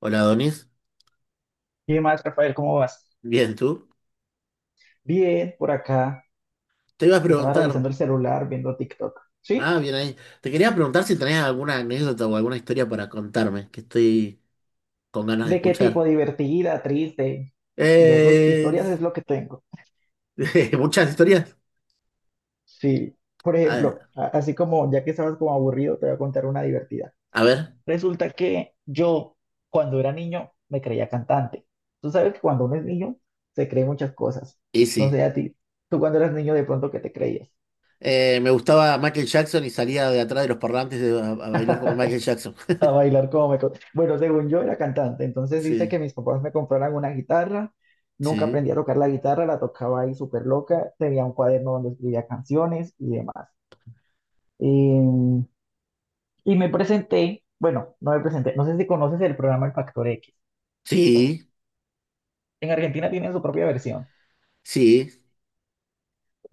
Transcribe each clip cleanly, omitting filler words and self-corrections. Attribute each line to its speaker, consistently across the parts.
Speaker 1: Hola, Donis.
Speaker 2: ¿Qué más, Rafael? ¿Cómo vas?
Speaker 1: Bien, ¿tú?
Speaker 2: Bien, por acá
Speaker 1: Te iba a
Speaker 2: estaba
Speaker 1: preguntar.
Speaker 2: revisando el celular, viendo TikTok. ¿Sí?
Speaker 1: Ah, bien ahí. Te quería preguntar si tenés alguna anécdota o alguna historia para contarme, que estoy con ganas de
Speaker 2: ¿De qué tipo?
Speaker 1: escuchar.
Speaker 2: ¿Divertida, triste? Yo,
Speaker 1: Eh,
Speaker 2: historias es lo que tengo.
Speaker 1: muchas historias.
Speaker 2: Sí. Por
Speaker 1: A,
Speaker 2: ejemplo, así como ya que estabas como aburrido, te voy a contar una divertida.
Speaker 1: a ver,
Speaker 2: Resulta que yo, cuando era niño, me creía cantante. Tú sabes que cuando uno es niño, se cree muchas cosas.
Speaker 1: y
Speaker 2: No
Speaker 1: sí.
Speaker 2: sé a ti. Tú cuando eras niño, de pronto, ¿qué te creías?
Speaker 1: Me gustaba Michael Jackson y salía de atrás de los parlantes a bailar como Michael Jackson.
Speaker 2: a bailar como me... co- Bueno, según yo era cantante, entonces dice
Speaker 1: Sí,
Speaker 2: que mis papás me compraron una guitarra, nunca
Speaker 1: sí,
Speaker 2: aprendí a tocar la guitarra, la tocaba ahí súper loca, tenía un cuaderno donde escribía canciones y demás. Y, y me presenté, bueno, no me presenté, no sé si conoces el programa El Factor X.
Speaker 1: sí,
Speaker 2: En Argentina tienen su propia versión,
Speaker 1: sí.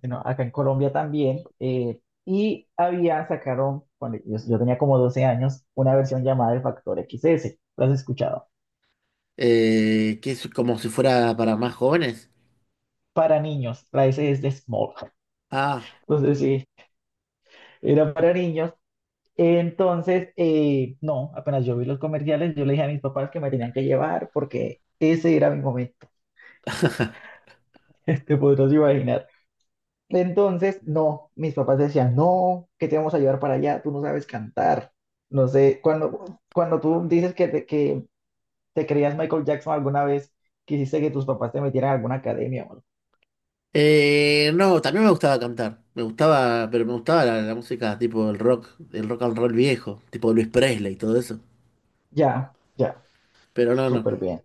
Speaker 2: sino acá en Colombia también. Y había, sacaron, cuando yo tenía como 12 años, una versión llamada El Factor XS. ¿Lo has escuchado?
Speaker 1: Que es como si fuera para más jóvenes.
Speaker 2: Para niños, la S es de Small.
Speaker 1: Ah.
Speaker 2: Entonces, sí, era para niños. Entonces, no, apenas yo vi los comerciales, yo le dije a mis papás que me tenían que llevar porque ese era mi momento, te podrás imaginar. Entonces, no, mis papás decían, no, ¿qué te vamos a llevar para allá? Tú no sabes cantar. No sé, cuando tú dices que te creías Michael Jackson alguna vez, quisiste que tus papás te metieran a alguna academia o algo.
Speaker 1: No, también me gustaba cantar. Me gustaba, pero me gustaba la música tipo el rock and roll viejo, tipo Luis Presley y todo eso.
Speaker 2: Ya, ya,
Speaker 1: Pero no, no.
Speaker 2: súper bien.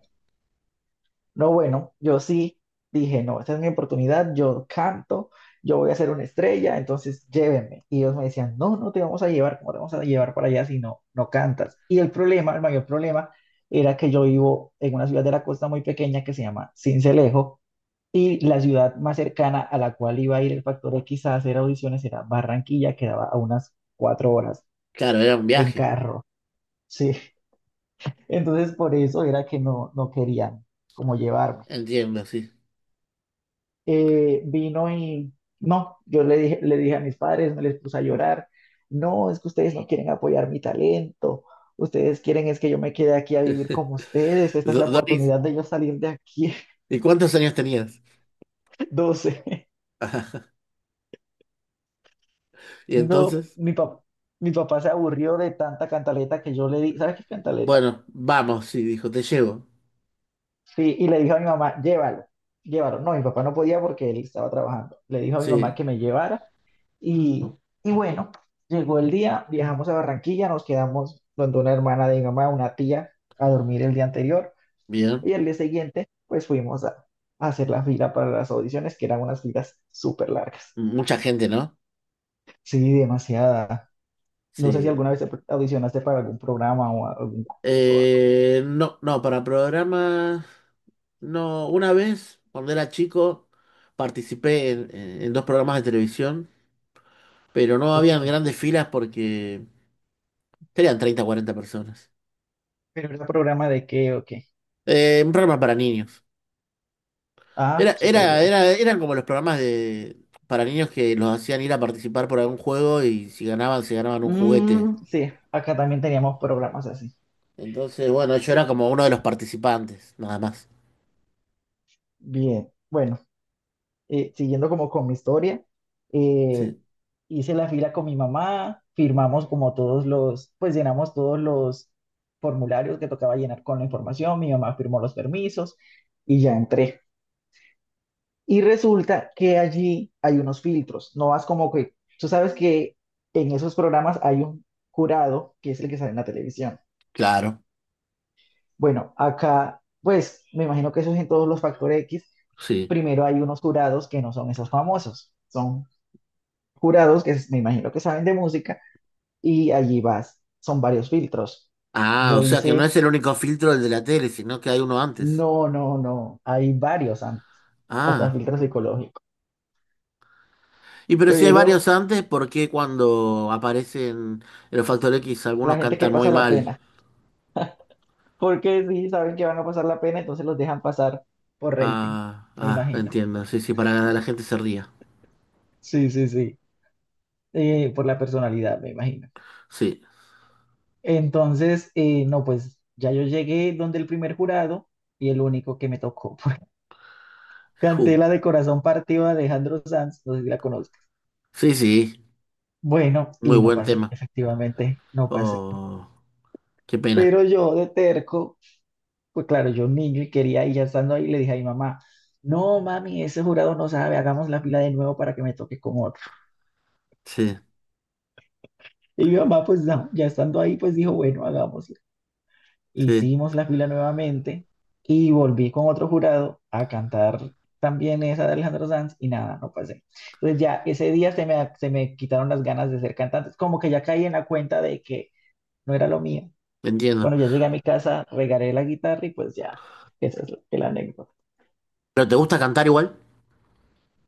Speaker 2: No, bueno, yo sí dije, no, esta es mi oportunidad, yo canto, yo voy a ser una estrella, entonces llévenme. Y ellos me decían, no, no te vamos a llevar, ¿cómo te vamos a llevar para allá si no, no cantas? Y el problema, el mayor problema, era que yo vivo en una ciudad de la costa muy pequeña que se llama Sincelejo, y la ciudad más cercana a la cual iba a ir el Factor X a hacer audiciones era Barranquilla, que daba a unas 4 horas
Speaker 1: Claro, era un
Speaker 2: en
Speaker 1: viaje.
Speaker 2: carro, sí. Entonces por eso era que no, no querían como llevarme.
Speaker 1: Entiendo, sí.
Speaker 2: Vino y no, yo le dije a mis padres, me les puse a llorar, no, es que ustedes no quieren apoyar mi talento, ustedes quieren es que yo me quede aquí a vivir como ustedes, esta es la
Speaker 1: Doris,
Speaker 2: oportunidad de yo salir de aquí,
Speaker 1: ¿y cuántos años tenías?
Speaker 2: 12.
Speaker 1: Ajá. Y
Speaker 2: No,
Speaker 1: entonces,
Speaker 2: mi papá. Mi papá se aburrió de tanta cantaleta que yo le di, ¿sabes qué es cantaleta?
Speaker 1: bueno, vamos, sí, dijo, te llevo.
Speaker 2: Sí, y le dije a mi mamá, llévalo, llévalo. No, mi papá no podía porque él estaba trabajando. Le dijo a mi mamá
Speaker 1: Sí,
Speaker 2: que me llevara. Y, y bueno, llegó el día, viajamos a Barranquilla, nos quedamos donde una hermana de mi mamá, una tía, a dormir el día anterior.
Speaker 1: bien.
Speaker 2: Y el día siguiente, pues fuimos a hacer la fila para las audiciones, que eran unas filas súper largas.
Speaker 1: Mucha gente, ¿no?
Speaker 2: Sí, demasiada. No sé si
Speaker 1: Sí.
Speaker 2: alguna vez te audicionaste para algún programa o algún concurso o algo.
Speaker 1: No, no, para programas, no. Una vez, cuando era chico, participé en dos programas de televisión. Pero no habían
Speaker 2: Ujú.
Speaker 1: grandes filas porque serían 30 o 40 personas.
Speaker 2: Pero era programa de qué o qué.
Speaker 1: Un programa para niños.
Speaker 2: Ah, súper bien.
Speaker 1: Eran como los programas de, para niños que los hacían ir a participar por algún juego y si ganaban, se ganaban un juguete.
Speaker 2: Mm, sí, acá también teníamos programas así.
Speaker 1: Entonces, bueno, yo era como uno de los participantes, nada más.
Speaker 2: Bien, bueno, siguiendo como con mi historia, eh,
Speaker 1: Sí,
Speaker 2: hice la fila con mi mamá, firmamos como todos los, pues llenamos todos los formularios que tocaba llenar con la información, mi mamá firmó los permisos y ya entré. Y resulta que allí hay unos filtros, no vas como que, tú sabes que en esos programas hay un jurado que es el que sale en la televisión.
Speaker 1: claro,
Speaker 2: Bueno, acá, pues me imagino que eso es en todos los Factor X,
Speaker 1: sí.
Speaker 2: primero hay unos jurados que no son esos famosos, son jurados que me imagino que saben de música y allí vas, son varios filtros.
Speaker 1: Ah,
Speaker 2: Yo
Speaker 1: o sea que no es
Speaker 2: hice,
Speaker 1: el único filtro el de la tele, sino que hay uno antes.
Speaker 2: no, no, no, hay varios antes, hasta
Speaker 1: Ah.
Speaker 2: filtro psicológico,
Speaker 1: Y pero si hay varios
Speaker 2: pero
Speaker 1: antes, ¿por qué cuando aparecen en los Factor X
Speaker 2: la
Speaker 1: algunos
Speaker 2: gente que
Speaker 1: cantan muy
Speaker 2: pasa la
Speaker 1: mal?
Speaker 2: pena, porque si saben que van a pasar la pena, entonces los dejan pasar por rating,
Speaker 1: Ah,
Speaker 2: me
Speaker 1: ah,
Speaker 2: imagino.
Speaker 1: entiendo. Sí, sí, para que la gente se ría.
Speaker 2: Sí, sí, sí, por la personalidad, me imagino.
Speaker 1: Sí.
Speaker 2: Entonces, no, pues ya yo llegué donde el primer jurado y el único que me tocó, pues canté
Speaker 1: Ju.
Speaker 2: la de Corazón Partido de Alejandro Sanz, no sé si la conozco.
Speaker 1: Sí, sí.
Speaker 2: Bueno,
Speaker 1: Muy
Speaker 2: y no
Speaker 1: buen
Speaker 2: pasé,
Speaker 1: tema.
Speaker 2: efectivamente, no pasé.
Speaker 1: Oh, qué pena.
Speaker 2: Pero yo de terco, pues claro, yo niño y quería, y ya estando ahí, le dije a mi mamá, no, mami, ese jurado no sabe, hagamos la fila de nuevo para que me toque con otro.
Speaker 1: Sí,
Speaker 2: Y mi mamá, pues no, ya estando ahí, pues dijo, bueno, hagámosla.
Speaker 1: sí.
Speaker 2: Hicimos la fila nuevamente y volví con otro jurado a cantar también esa de Alejandro Sanz y nada, no pasé. Entonces ya ese día se me quitaron las ganas de ser cantante, como que ya caí en la cuenta de que no era lo mío.
Speaker 1: Entiendo.
Speaker 2: Cuando ya llegué a mi casa, regaré la guitarra y pues ya, esa es la anécdota.
Speaker 1: ¿Pero te gusta cantar igual?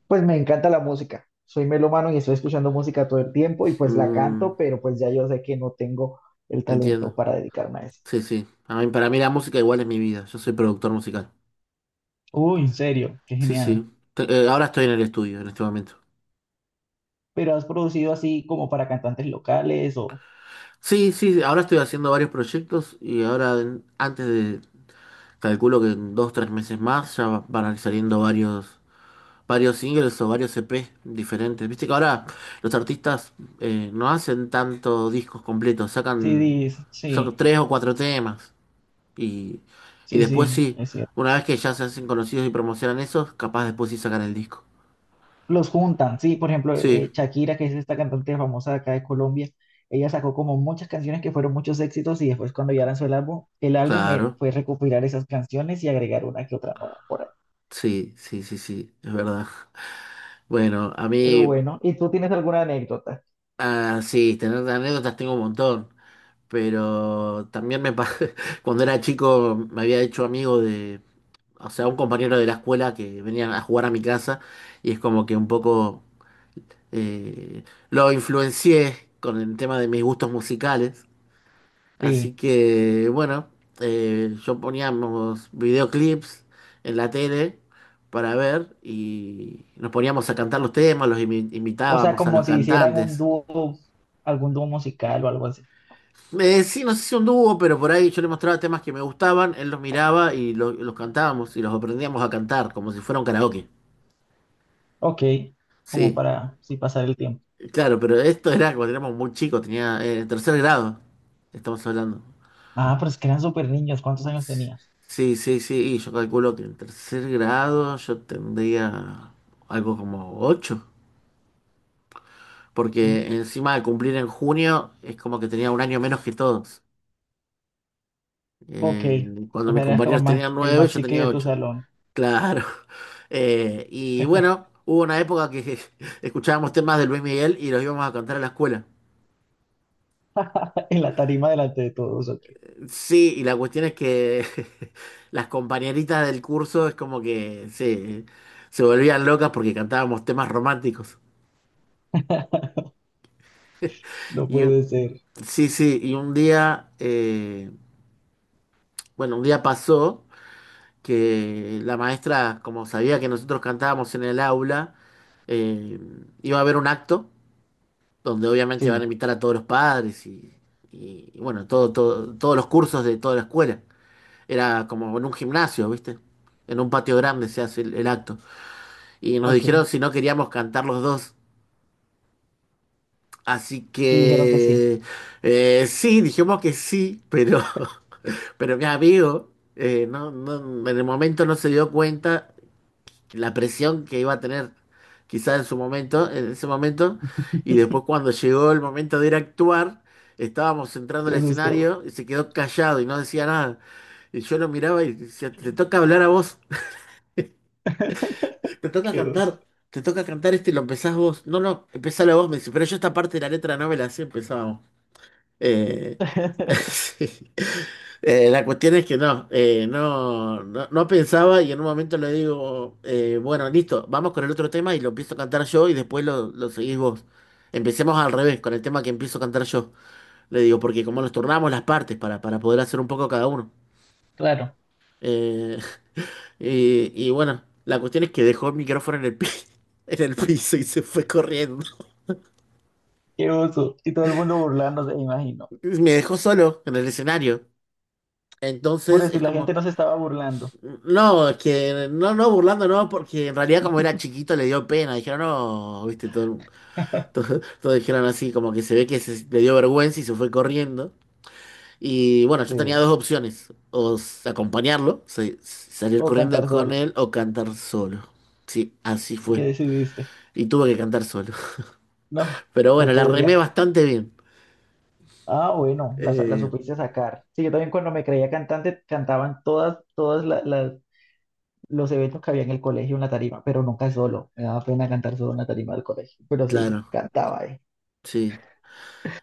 Speaker 2: Pues me encanta la música. Soy melómano y estoy escuchando música todo el tiempo y pues la
Speaker 1: Mm,
Speaker 2: canto, pero pues ya yo sé que no tengo el talento
Speaker 1: entiendo.
Speaker 2: para dedicarme a eso.
Speaker 1: Sí, sí. A mí, para mí la música igual es mi vida. Yo soy productor musical.
Speaker 2: Uy, en serio, qué
Speaker 1: Sí,
Speaker 2: genial.
Speaker 1: sí. Ahora estoy en el estudio en este momento.
Speaker 2: Pero has producido así como para cantantes locales o
Speaker 1: Sí, sí, ahora estoy haciendo varios proyectos y ahora antes de, calculo que en dos, tres meses más ya van a ir saliendo varios varios singles o varios EP diferentes. Viste que ahora los artistas no hacen tantos discos completos, sacan,
Speaker 2: CDs.
Speaker 1: sacan
Speaker 2: Sí,
Speaker 1: tres o cuatro temas y, y
Speaker 2: sí,
Speaker 1: después
Speaker 2: sí,
Speaker 1: sí,
Speaker 2: es cierto.
Speaker 1: una vez que ya se hacen conocidos y promocionan esos, capaz después sí sacan el disco.
Speaker 2: Los juntan, sí, por ejemplo,
Speaker 1: Sí,
Speaker 2: Shakira, que es esta cantante famosa de acá de Colombia, ella sacó como muchas canciones que fueron muchos éxitos y después cuando ya lanzó el álbum, el álbum,
Speaker 1: claro,
Speaker 2: fue recopilar esas canciones y agregar una que otra nueva por ahí.
Speaker 1: sí, sí, sí, sí, es verdad. Bueno, a
Speaker 2: Pero
Speaker 1: mí,
Speaker 2: bueno, ¿y tú tienes alguna anécdota?
Speaker 1: ah, sí, tener anécdotas tengo un montón, pero también cuando era chico me había hecho amigo de o sea, un compañero de la escuela que venían a jugar a mi casa y es como que un poco eh, lo influencié con el tema de mis gustos musicales. Así
Speaker 2: Sí,
Speaker 1: que, bueno, yo poníamos videoclips en la tele para ver y nos poníamos a cantar los temas,
Speaker 2: o sea,
Speaker 1: imitábamos a
Speaker 2: como
Speaker 1: los
Speaker 2: si hicieran un
Speaker 1: cantantes.
Speaker 2: dúo, algún dúo musical o algo así.
Speaker 1: Sí, no sé si un dúo, pero por ahí yo le mostraba temas que me gustaban, él los miraba y los cantábamos y los aprendíamos a cantar como si fuera un karaoke.
Speaker 2: Ok, como
Speaker 1: Sí.
Speaker 2: para sí pasar el tiempo.
Speaker 1: Claro, pero esto era cuando éramos muy chicos, tenía tercer grado, estamos hablando.
Speaker 2: Ah, pero es que eran súper niños, ¿cuántos años tenías?
Speaker 1: Sí, sí, sí, y yo calculo que en tercer grado yo tendría algo como 8, porque
Speaker 2: Mm.
Speaker 1: encima de cumplir en junio es como que tenía un año menos que todos.
Speaker 2: Ok,
Speaker 1: Cuando
Speaker 2: o
Speaker 1: mis
Speaker 2: sea, eras como
Speaker 1: compañeros tenían
Speaker 2: el
Speaker 1: 9,
Speaker 2: más
Speaker 1: yo
Speaker 2: chique
Speaker 1: tenía
Speaker 2: de tu
Speaker 1: 8.
Speaker 2: salón,
Speaker 1: Claro. Y bueno, hubo una época que escuchábamos temas de Luis Miguel y los íbamos a cantar a la escuela.
Speaker 2: en la tarima delante de todos, ok.
Speaker 1: Sí, y la cuestión es que las compañeritas del curso es como que se volvían locas porque cantábamos temas románticos.
Speaker 2: No
Speaker 1: Y un-
Speaker 2: puede ser.
Speaker 1: sí, sí, y un día, bueno, un día pasó que la maestra, como sabía que nosotros cantábamos en el aula, eh, iba a haber un acto donde obviamente van a
Speaker 2: Sí,
Speaker 1: invitar a todos los padres y, y bueno, todos los cursos de toda la escuela. Era como en un gimnasio, ¿viste? En un patio grande se hace el acto. Y nos
Speaker 2: ok,
Speaker 1: dijeron
Speaker 2: y
Speaker 1: si no queríamos cantar los dos. Así
Speaker 2: dijeron que sí,
Speaker 1: que sí, dijimos que sí, pero, pero mi amigo en el momento no se dio cuenta la presión que iba a tener quizá en su momento, en ese momento, y después cuando llegó el momento de ir a actuar, estábamos entrando
Speaker 2: se
Speaker 1: al
Speaker 2: asustó.
Speaker 1: escenario y se quedó callado y no decía nada. Y yo lo miraba y decía, te toca hablar a vos. Te toca
Speaker 2: Qué oso.
Speaker 1: cantar, te toca cantar este y lo empezás vos. No, no, empezalo vos, me dice, pero yo esta parte de la letra no me la sé, empezábamos. Eh, sí. La cuestión es que no, no pensaba y en un momento le digo, bueno, listo, vamos con el otro tema y lo empiezo a cantar yo y después lo seguís vos. Empecemos al revés, con el tema que empiezo a cantar yo. Le digo, porque como nos turnamos las partes para poder hacer un poco cada uno.
Speaker 2: Claro,
Speaker 1: Eh, y bueno, la cuestión es que dejó el micrófono en el piso y se fue corriendo.
Speaker 2: qué oso. Y todo el mundo burlándose, me imagino.
Speaker 1: Me dejó solo en el escenario.
Speaker 2: Por
Speaker 1: Entonces es
Speaker 2: decir, la
Speaker 1: como,
Speaker 2: gente no se estaba burlando
Speaker 1: no, es que no, no, burlando, no, porque en realidad como era chiquito le dio pena. Dijeron, no, viste, todos dijeron así, como que se ve que le dio vergüenza y se fue corriendo. Y bueno, yo tenía
Speaker 2: sí.
Speaker 1: dos opciones, acompañarlo, salir
Speaker 2: O
Speaker 1: corriendo
Speaker 2: cantar
Speaker 1: con
Speaker 2: solo.
Speaker 1: él o cantar solo. Sí, así
Speaker 2: ¿Qué
Speaker 1: fue.
Speaker 2: decidiste?
Speaker 1: Y tuve que cantar solo.
Speaker 2: No,
Speaker 1: Pero bueno,
Speaker 2: no
Speaker 1: la remé
Speaker 2: podría.
Speaker 1: bastante bien.
Speaker 2: Ah, bueno, las
Speaker 1: Eh,
Speaker 2: supiste sacar. Sí, yo también cuando me creía cantante cantaban todas, todas los eventos que había en el colegio en la tarima, pero nunca solo. Me daba pena cantar solo en la tarima del colegio, pero sí,
Speaker 1: claro,
Speaker 2: cantaba.
Speaker 1: sí.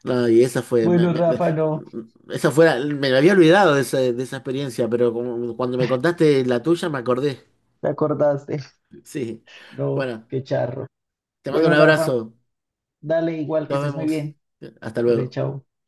Speaker 1: No, y esa fue,
Speaker 2: Bueno, Rafa, no,
Speaker 1: esa fue, me había olvidado de esa experiencia, pero como- cuando me contaste la tuya me acordé.
Speaker 2: te acordaste.
Speaker 1: Sí.
Speaker 2: No,
Speaker 1: Bueno,
Speaker 2: qué charro.
Speaker 1: te mando un
Speaker 2: Bueno, Rafa,
Speaker 1: abrazo.
Speaker 2: dale igual que
Speaker 1: Nos
Speaker 2: estés muy
Speaker 1: vemos.
Speaker 2: bien.
Speaker 1: Hasta
Speaker 2: Dale,
Speaker 1: luego.
Speaker 2: chao.